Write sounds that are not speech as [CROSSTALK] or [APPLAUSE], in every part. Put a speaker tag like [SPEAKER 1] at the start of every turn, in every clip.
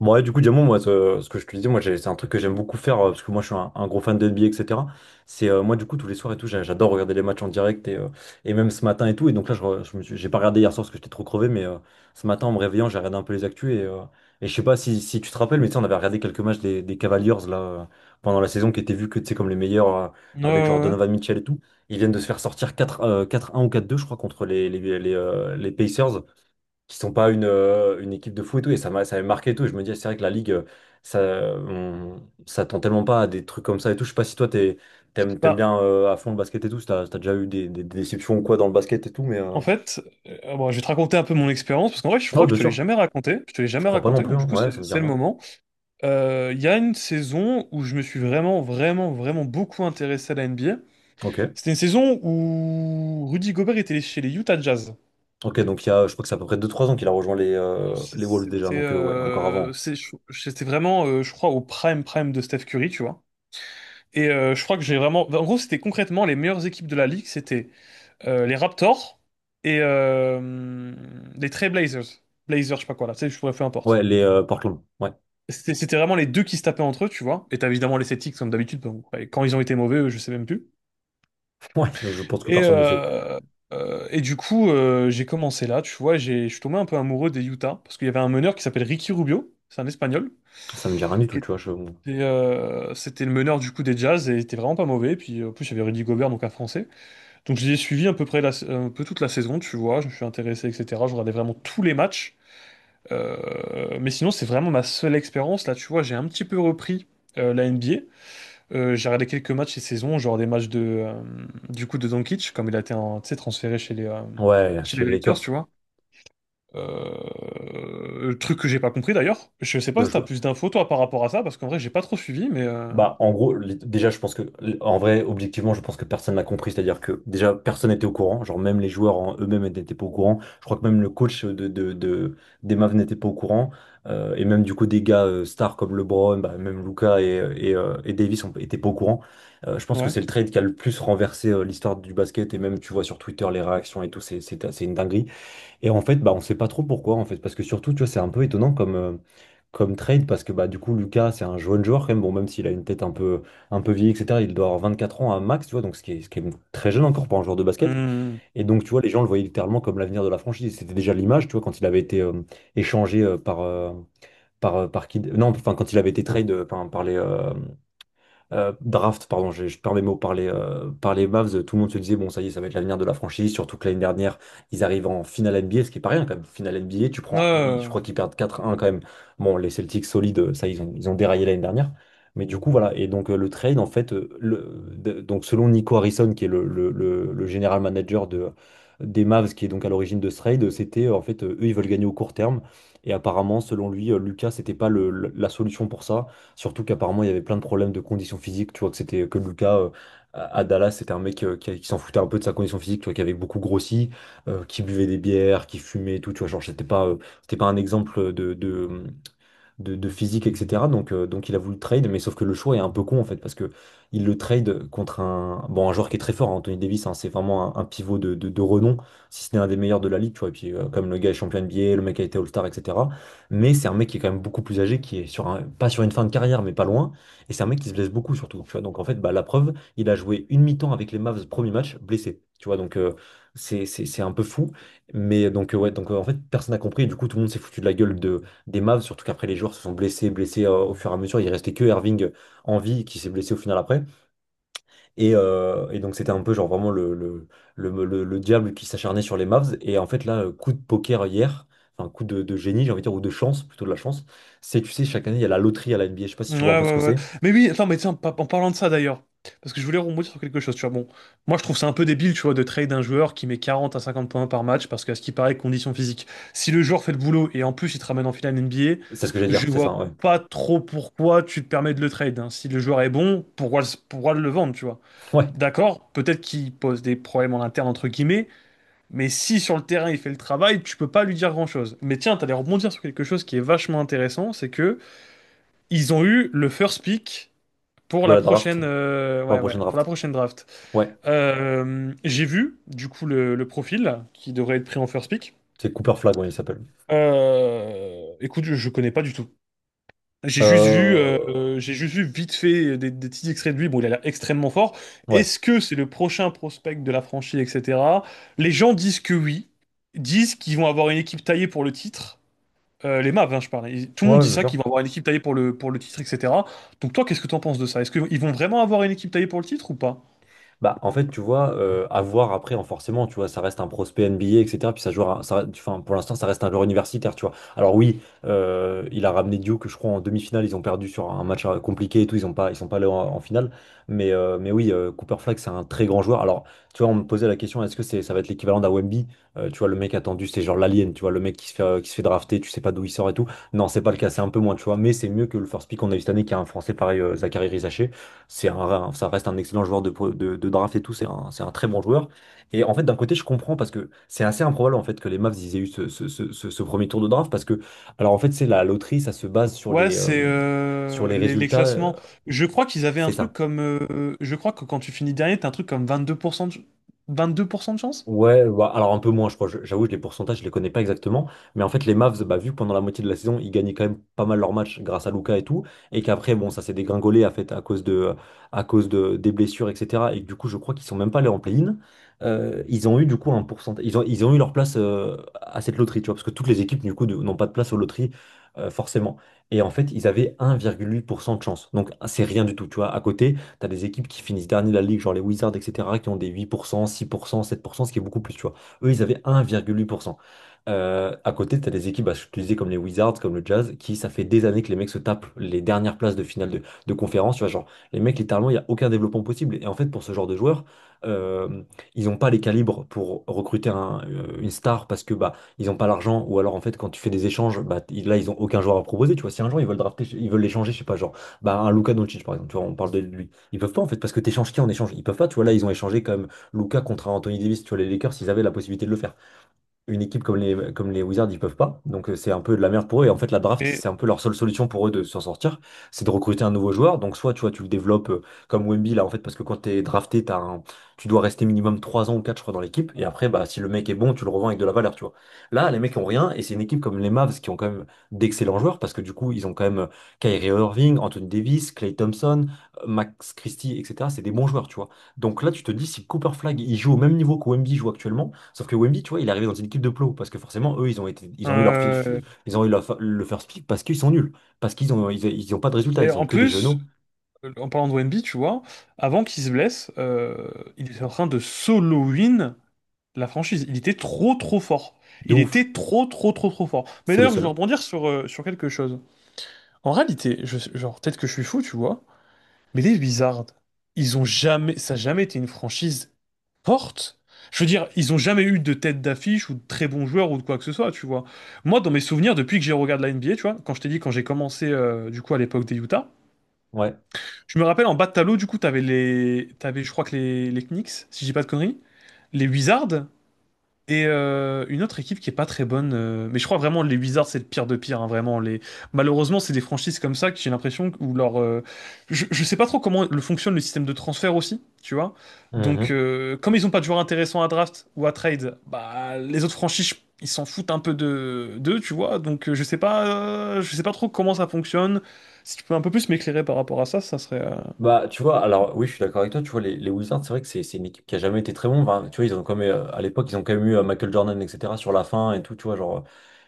[SPEAKER 1] Bon, ouais, du coup, Diamond, moi, ce que je te disais, moi, c'est un truc que j'aime beaucoup faire, parce que moi, je suis un gros fan de NBA, etc. C'est, moi, du coup, tous les soirs et tout, j'adore regarder les matchs en direct, et même ce matin et tout. Et donc là, je, re- je me suis- j'ai pas regardé hier soir parce que j'étais trop crevé, mais ce matin, en me réveillant, j'ai regardé un peu les actus, et je sais pas si, si tu te rappelles, mais tu sais, on avait regardé quelques matchs des Cavaliers, pendant la saison, qui étaient vus que, tu sais, comme les meilleurs,
[SPEAKER 2] Ouais, ouais,
[SPEAKER 1] avec genre
[SPEAKER 2] ouais.
[SPEAKER 1] Donovan Mitchell et tout. Ils viennent de se faire sortir quatre 4-1 ou quatre deux je crois, contre les Pacers qui sont pas une équipe de foot et tout, et ça m'avait marqué et tout. Et je me dis, c'est vrai que la Ligue, ça, ça tend tellement pas à des trucs comme ça et tout. Je sais pas si toi, t'aimes
[SPEAKER 2] Bah,
[SPEAKER 1] bien à fond le basket et tout, si si t'as déjà eu des déceptions ou quoi dans le basket et tout,
[SPEAKER 2] en fait, bon, je vais te raconter un peu mon expérience, parce qu'en vrai, je
[SPEAKER 1] Non,
[SPEAKER 2] crois que
[SPEAKER 1] bien
[SPEAKER 2] je te l'ai
[SPEAKER 1] sûr,
[SPEAKER 2] jamais raconté. Je te l'ai
[SPEAKER 1] je
[SPEAKER 2] jamais
[SPEAKER 1] crois pas non
[SPEAKER 2] raconté,
[SPEAKER 1] plus,
[SPEAKER 2] donc du
[SPEAKER 1] hein.
[SPEAKER 2] coup,
[SPEAKER 1] Ouais, ça
[SPEAKER 2] c'est
[SPEAKER 1] me dit
[SPEAKER 2] c'est le
[SPEAKER 1] rien.
[SPEAKER 2] moment. Il y a une saison où je me suis vraiment, vraiment, vraiment beaucoup intéressé à la NBA.
[SPEAKER 1] Ok.
[SPEAKER 2] C'était une saison où Rudy Gobert était chez les Utah Jazz.
[SPEAKER 1] Ok, donc il y a, je crois que c'est à peu près deux trois ans qu'il a rejoint
[SPEAKER 2] Euh, c'est-
[SPEAKER 1] les Wolves déjà,
[SPEAKER 2] C'était
[SPEAKER 1] donc ouais, encore
[SPEAKER 2] euh,
[SPEAKER 1] avant.
[SPEAKER 2] c'est- je- c'était vraiment, je crois, au prime de Steph Curry, tu vois. Et je crois que j'ai vraiment... En gros, c'était concrètement les meilleures équipes de la ligue. C'était les Raptors et les Trail Blazers. Blazers, je sais pas quoi là, tu sais, je pourrais peu importe.
[SPEAKER 1] Ouais, les Portland, ouais.
[SPEAKER 2] C'était vraiment les deux qui se tapaient entre eux, tu vois. Et t'as évidemment les Celtics comme d'habitude, donc, ouais, quand ils ont été mauvais, eux, je sais même plus.
[SPEAKER 1] [LAUGHS] Ouais, je pense que
[SPEAKER 2] Et,
[SPEAKER 1] personne ne sait.
[SPEAKER 2] euh, et du coup, j'ai commencé là, tu vois, je suis tombé un peu amoureux des Utah, parce qu'il y avait un meneur qui s'appelle Ricky Rubio, c'est un Espagnol,
[SPEAKER 1] Ça me dit rien du
[SPEAKER 2] qui
[SPEAKER 1] tout, tu vois.
[SPEAKER 2] était, c'était le meneur du coup des Jazz, et il était vraiment pas mauvais. Puis en plus, il y avait Rudy Gobert, donc un Français. Donc j'ai suivi à peu près un peu toute la saison, tu vois, je me suis intéressé, etc. Je regardais vraiment tous les matchs. Mais sinon, c'est vraiment ma seule expérience. Là, tu vois, j'ai un petit peu repris la NBA. J'ai regardé quelques matchs cette saison, genre des matchs de, du coup de Doncic, comme il a été tu sais, transféré
[SPEAKER 1] Ouais,
[SPEAKER 2] chez
[SPEAKER 1] chez
[SPEAKER 2] les
[SPEAKER 1] les
[SPEAKER 2] Lakers, tu
[SPEAKER 1] Lakers.
[SPEAKER 2] vois. Le truc que j'ai pas compris d'ailleurs. Je sais pas si t'as plus d'infos toi par rapport à ça, parce qu'en vrai, j'ai pas trop suivi, mais
[SPEAKER 1] Bah, en gros, déjà, en vrai, objectivement, je pense que personne n'a compris. C'est-à-dire que, déjà, personne n'était au courant. Genre, même les joueurs en eux-mêmes n'étaient pas au courant. Je crois que même le coach des Mavs n'était pas au courant. Et même, du coup, des gars stars comme LeBron, bah, même Luca et Davis n'étaient pas au courant. Je pense que
[SPEAKER 2] ouais.
[SPEAKER 1] c'est le trade qui a le plus renversé l'histoire du basket. Et même, tu vois sur Twitter les réactions et tout, c'est une dinguerie. Et en fait, bah, on sait pas trop pourquoi, en fait, parce que surtout, tu vois, c'est un peu étonnant comme, comme trade, parce que bah, du coup, Lucas, c'est un jeune joueur quand même, bon, même s'il a une tête un peu vieille, etc., il doit avoir 24 ans à max, tu vois, donc ce qui est très jeune encore pour un joueur de basket.
[SPEAKER 2] Hmm.
[SPEAKER 1] Et donc, tu vois, les gens le voyaient littéralement comme l'avenir de la franchise. C'était déjà l'image, tu vois, quand il avait été échangé par Kid... Non, enfin, quand il avait été trade draft, pardon, je perds mes mots, par par les Mavs, tout le monde se disait, bon, ça y est, ça va être l'avenir de la franchise, surtout que l'année dernière, ils arrivent en finale NBA, ce qui est pas rien quand même. Finale NBA, tu
[SPEAKER 2] Ouais, ouais,
[SPEAKER 1] prends, je
[SPEAKER 2] ouais.
[SPEAKER 1] crois qu'ils perdent quatre un quand même. Bon, les Celtics solides, ça, ils ont déraillé l'année dernière. Mais du coup, voilà. Et donc, le trade, en fait, donc, selon Nico Harrison, qui est le general manager de, des Mavs, qui est donc à l'origine de ce trade, c'était, en fait, eux, ils veulent gagner au court terme. Et apparemment, selon lui, Lucas, c'était pas la solution pour ça. Surtout qu'apparemment, il y avait plein de problèmes de conditions physiques. Tu vois que c'était que Lucas à Dallas, c'était un mec qui s'en foutait un peu de sa condition physique, tu vois, qui avait beaucoup grossi, qui buvait des bières, qui fumait et tout. Tu vois, genre, c'était pas un exemple de physique, etc. Donc il a voulu le trade, mais sauf que le choix est un peu con en fait, parce que il le trade contre un, bon, un joueur qui est très fort, hein, Anthony Davis, hein, c'est vraiment un pivot de renom, si ce n'est un des meilleurs de la ligue, tu vois. Et puis, comme le gars est champion NBA, le mec a été All-Star, etc. Mais c'est un mec qui est quand même beaucoup plus âgé, qui est sur un, pas sur une fin de carrière, mais pas loin. Et c'est un mec qui se blesse beaucoup surtout, tu vois. Donc en fait, bah, la preuve, il a joué une mi-temps avec les Mavs, premier match, blessé. Tu vois, donc c'est un peu fou. Mais donc, en fait, personne n'a compris. Et du coup, tout le monde s'est foutu de la gueule de, des Mavs, surtout qu'après les joueurs se sont blessés au fur et à mesure. Il restait que Irving en vie qui s'est blessé au final après. Et donc c'était un peu genre vraiment le diable qui s'acharnait sur les Mavs. Et en fait là, coup de poker hier, enfin coup de génie, j'ai envie de dire, ou de chance, plutôt de la chance, c'est tu sais, chaque année il y a la loterie à la NBA. Je sais pas si
[SPEAKER 2] Ouais,
[SPEAKER 1] tu vois un peu ce
[SPEAKER 2] ouais,
[SPEAKER 1] que
[SPEAKER 2] ouais.
[SPEAKER 1] c'est.
[SPEAKER 2] Mais oui, attends, mais tiens, en parlant de ça d'ailleurs, parce que je voulais rebondir sur quelque chose, tu vois. Bon, moi je trouve ça un peu débile, tu vois, de trade un joueur qui met 40 à 50 points par match, parce qu'à ce qui paraît, condition physique. Si le joueur fait le boulot et en plus il te ramène en finale NBA,
[SPEAKER 1] C'est ce que j'allais dire,
[SPEAKER 2] je
[SPEAKER 1] c'est
[SPEAKER 2] vois
[SPEAKER 1] ça, ouais. [LAUGHS]
[SPEAKER 2] pas trop pourquoi tu te permets de le trade, hein. Si le joueur est bon, pourquoi, pourquoi le vendre, tu vois?
[SPEAKER 1] Ouais,
[SPEAKER 2] D'accord, peut-être qu'il pose des problèmes en interne, entre guillemets, mais si sur le terrain il fait le travail, tu peux pas lui dire grand-chose. Mais tiens, t'allais rebondir sur quelque chose qui est vachement intéressant, c'est que. Ils ont eu le first pick pour
[SPEAKER 1] de
[SPEAKER 2] la
[SPEAKER 1] la draft,
[SPEAKER 2] prochaine,
[SPEAKER 1] pour la
[SPEAKER 2] ouais, ouais,
[SPEAKER 1] prochaine
[SPEAKER 2] pour la
[SPEAKER 1] draft.
[SPEAKER 2] prochaine draft.
[SPEAKER 1] Ouais,
[SPEAKER 2] J'ai vu, du coup, le profil qui devrait être pris en first pick.
[SPEAKER 1] c'est Cooper Flag, ouais, il s'appelle.
[SPEAKER 2] Écoute, je connais pas du tout.
[SPEAKER 1] Euh...
[SPEAKER 2] J'ai juste vu vite fait des petits extraits de lui. Bon, il a l'air extrêmement fort.
[SPEAKER 1] Ouais,
[SPEAKER 2] Est-ce que c'est le prochain prospect de la franchise, etc. Les gens disent que oui, disent qu'ils vont avoir une équipe taillée pour le titre. Les Mavs, hein, je parlais. Tout le monde
[SPEAKER 1] ouais,
[SPEAKER 2] dit
[SPEAKER 1] bien
[SPEAKER 2] ça,
[SPEAKER 1] sûr.
[SPEAKER 2] qu'ils vont avoir une équipe taillée pour le titre, etc. Donc toi, qu'est-ce que t'en penses de ça? Est-ce qu'ils vont vraiment avoir une équipe taillée pour le titre ou pas?
[SPEAKER 1] Bah, en fait, tu vois, à voir après, en forcément, tu vois, ça reste un prospect NBA, etc. Puis ça joue, ça, enfin, pour l'instant, ça reste un joueur universitaire, tu vois. Alors oui, il a ramené Duke, je crois, en demi-finale, ils ont perdu sur un match compliqué et tout, ils sont pas allés en finale. Mais oui, Cooper Flag, c'est un très grand joueur. Alors, tu vois, on me posait la question, est-ce que c'est, ça va être l'équivalent d'un Wemby? Tu vois, le mec attendu, c'est genre l'alien, tu vois, le mec qui se fait drafter, tu sais pas d'où il sort et tout. Non, c'est pas le cas, c'est un peu moins, tu vois, mais c'est mieux que le first pick qu'on a eu cette année, qui a un Français pareil, Zachary Rizaché. C'est un, ça reste un excellent joueur de draft et tout, c'est un très bon joueur. Et en fait, d'un côté, je comprends parce que c'est assez improbable en fait que les Mavs ils aient eu ce premier tour de draft parce que, alors en fait, c'est la loterie, ça se base
[SPEAKER 2] Ouais, c'est
[SPEAKER 1] sur
[SPEAKER 2] euh,
[SPEAKER 1] les
[SPEAKER 2] les
[SPEAKER 1] résultats.
[SPEAKER 2] classements. Je crois qu'ils avaient un
[SPEAKER 1] C'est
[SPEAKER 2] truc
[SPEAKER 1] ça.
[SPEAKER 2] comme... je crois que quand tu finis dernier, t'as un truc comme 22% de chance.
[SPEAKER 1] Ouais, bah, alors un peu moins, je crois. J'avoue, les pourcentages, je les connais pas exactement. Mais en fait, les Mavs, bah, vu que pendant la moitié de la saison, ils gagnaient quand même pas mal leurs matchs grâce à Luka et tout, et qu'après, bon, ça s'est dégringolé à, fait, à cause de, des blessures, etc. Et que du coup, je crois qu'ils sont même pas allés en play-in. Ils ont eu du coup un pourcentage. Ils ont eu leur place à cette loterie, tu vois, parce que toutes les équipes, du coup, n'ont pas de place aux loteries, forcément. Et en fait, ils avaient 1,8% de chance. Donc, c'est rien du tout, tu vois. À côté, t'as des équipes qui finissent dernier de la ligue, genre les Wizards, etc., qui ont des huit pour cent six pour cent, sept pour cent ce qui est beaucoup plus, tu vois. Eux, ils avaient 1,8%. À côté, t'as des équipes, bah, je te disais, comme les Wizards, comme le Jazz, qui, ça fait des années que les mecs se tapent les dernières places de finale de conférence, tu vois, genre, les mecs, littéralement, il n'y a aucun développement possible. Et en fait, pour ce genre de joueurs, euh, ils n'ont pas les calibres pour recruter une star parce que, bah, ils n'ont pas l'argent, ou alors, en fait, quand tu fais des échanges, bah, là, ils ont aucun joueur à proposer, tu vois. Si un jour, ils veulent drafter, ils veulent l'échanger, je sais pas, genre, bah, un Luka Doncic, par exemple, tu vois, on parle de lui, ils peuvent pas en fait, parce que t'échanges qui en échange? Ils peuvent pas, tu vois, là, ils ont échangé quand même Luka contre Anthony Davis, tu vois, les Lakers, ils avaient la possibilité de le faire. Une équipe comme les Wizards, ils peuvent pas. Donc c'est un peu de la merde pour eux. Et en fait, la draft,
[SPEAKER 2] Et,
[SPEAKER 1] c'est un peu leur seule solution pour eux de s'en sortir. C'est de recruter un nouveau joueur. Donc soit tu vois, tu le développes comme Wemby là, en fait, parce que quand t'es drafté, tu dois rester minimum 3 ans ou 4 je crois, dans l'équipe. Et après, bah, si le mec est bon, tu le revends avec de la valeur, tu vois. Là, les mecs ont rien. Et c'est une équipe comme les Mavs qui ont quand même d'excellents joueurs parce que du coup, ils ont quand même Kyrie Irving, Anthony Davis, Clay Thompson, Max Christie, etc. C'est des bons joueurs, tu vois. Donc là, tu te dis, si Cooper Flag il joue au même niveau que Wemby joue actuellement. Sauf que Wemby, tu vois, il est arrivé dans une équipe de plots parce que forcément, eux,
[SPEAKER 2] euh,
[SPEAKER 1] ils ont eu le first pick parce qu'ils sont nuls, parce qu'ils ont pas de résultats,
[SPEAKER 2] et
[SPEAKER 1] ils ont
[SPEAKER 2] en
[SPEAKER 1] que des
[SPEAKER 2] plus,
[SPEAKER 1] genoux
[SPEAKER 2] en parlant de Wemby, tu vois, avant qu'il se blesse, il était en train de solo win la franchise, il était trop fort.
[SPEAKER 1] de
[SPEAKER 2] Il
[SPEAKER 1] ouf.
[SPEAKER 2] était trop fort. Mais
[SPEAKER 1] C'est le
[SPEAKER 2] d'ailleurs, je vais
[SPEAKER 1] seul.
[SPEAKER 2] rebondir sur, sur quelque chose. En réalité, genre, peut-être que je suis fou, tu vois, mais les Wizards, ils ont jamais, ça a jamais été une franchise forte. Je veux dire, ils ont jamais eu de tête d'affiche ou de très bons joueurs ou de quoi que ce soit, tu vois. Moi, dans mes souvenirs, depuis que j'ai regardé la NBA, tu vois, quand je t'ai dit quand j'ai commencé, du coup, à l'époque des Utah,
[SPEAKER 1] Ouais.
[SPEAKER 2] je me rappelle en bas de tableau, du coup, t'avais, je crois que les Knicks, si je dis pas de conneries, les Wizards. Et une autre équipe qui est pas très bonne, mais je crois vraiment les Wizards c'est le pire de pire, hein, vraiment les. Malheureusement c'est des franchises comme ça que j'ai l'impression où leur, je sais pas trop comment le fonctionne le système de transfert aussi, tu vois. Donc
[SPEAKER 1] Mhm.
[SPEAKER 2] comme ils ont pas de joueurs intéressants à draft ou à trade, bah les autres franchises ils s'en foutent un peu de d'eux, tu vois. Donc je sais pas trop comment ça fonctionne. Si tu peux un peu plus m'éclairer par rapport à ça, ça serait.
[SPEAKER 1] Bah, tu vois, alors oui, je suis d'accord avec toi. Tu vois, les Wizards, c'est vrai que c'est une équipe qui a jamais été très bon. Enfin, tu vois, ils ont quand même, à l'époque, ils ont quand même eu Michael Jordan, etc. sur la fin et tout. Tu vois,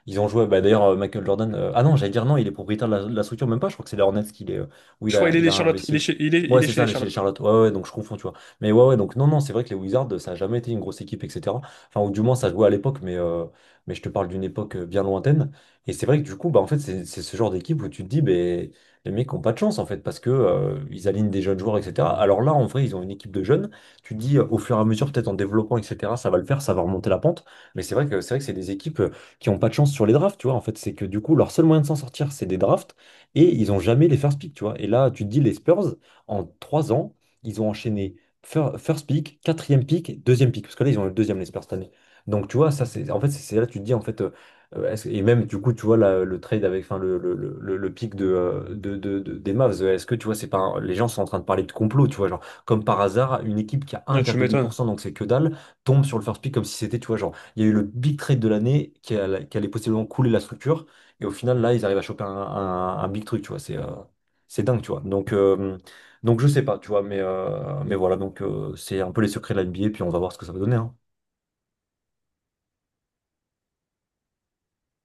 [SPEAKER 1] ils ont joué. Bah, d'ailleurs, Michael Jordan. Ah non, j'allais dire non, il est propriétaire de la structure, même pas. Je crois que c'est les Hornets qu'il est, où
[SPEAKER 2] Je crois il est
[SPEAKER 1] il
[SPEAKER 2] des
[SPEAKER 1] a
[SPEAKER 2] Charlotte,
[SPEAKER 1] investi. Ouais,
[SPEAKER 2] il est
[SPEAKER 1] c'est
[SPEAKER 2] chez
[SPEAKER 1] ça,
[SPEAKER 2] les
[SPEAKER 1] les chez les
[SPEAKER 2] Charlotte. Ouais,
[SPEAKER 1] Charlotte. Ouais, ouais, donc je confonds, tu vois. Mais ouais, ouais, donc non, non, c'est vrai que les Wizards, ça a jamais été une grosse équipe, etc. Enfin, ou du moins, ça jouait à l'époque, mais je te parle d'une époque bien lointaine. Et c'est vrai que du coup, bah, en fait, c'est ce genre d'équipe où tu te dis, bah, les mecs n'ont pas de chance en fait parce que ils alignent des jeunes joueurs, etc. Alors là, en vrai, ils ont une équipe de jeunes. Tu te dis au fur et à mesure, peut-être en développant, etc. Ça va le faire, ça va remonter la pente. Mais c'est vrai que c'est des équipes qui n'ont pas de chance sur les drafts, tu vois. En fait, c'est que du coup, leur seul moyen de s'en sortir, c'est des drafts et ils n'ont jamais les first pick, tu vois. Et là, tu te dis les Spurs en trois ans, ils ont enchaîné first pick, quatrième pick, deuxième pick parce que là, ils ont eu le deuxième les Spurs cette année. Donc tu vois, ça c'est en fait c'est là que tu te dis en fait Et même du coup, tu vois le trade avec, enfin le pic de, des Mavs, est-ce que tu vois, c'est pas un- les gens sont en train de parler de complot, tu vois, genre comme par hasard, une équipe qui a
[SPEAKER 2] ouais, tu m'étonnes.
[SPEAKER 1] 1,8%, donc c'est que dalle, tombe sur le first pick comme si c'était, tu vois, genre il y a eu le big trade de l'année qui allait possiblement couler la structure, et au final là, ils arrivent à choper un big truc, tu vois, c'est dingue, tu vois. Donc je sais pas, tu vois, mais voilà, donc c'est un peu les secrets de la NBA, puis on va voir ce que ça va donner, hein.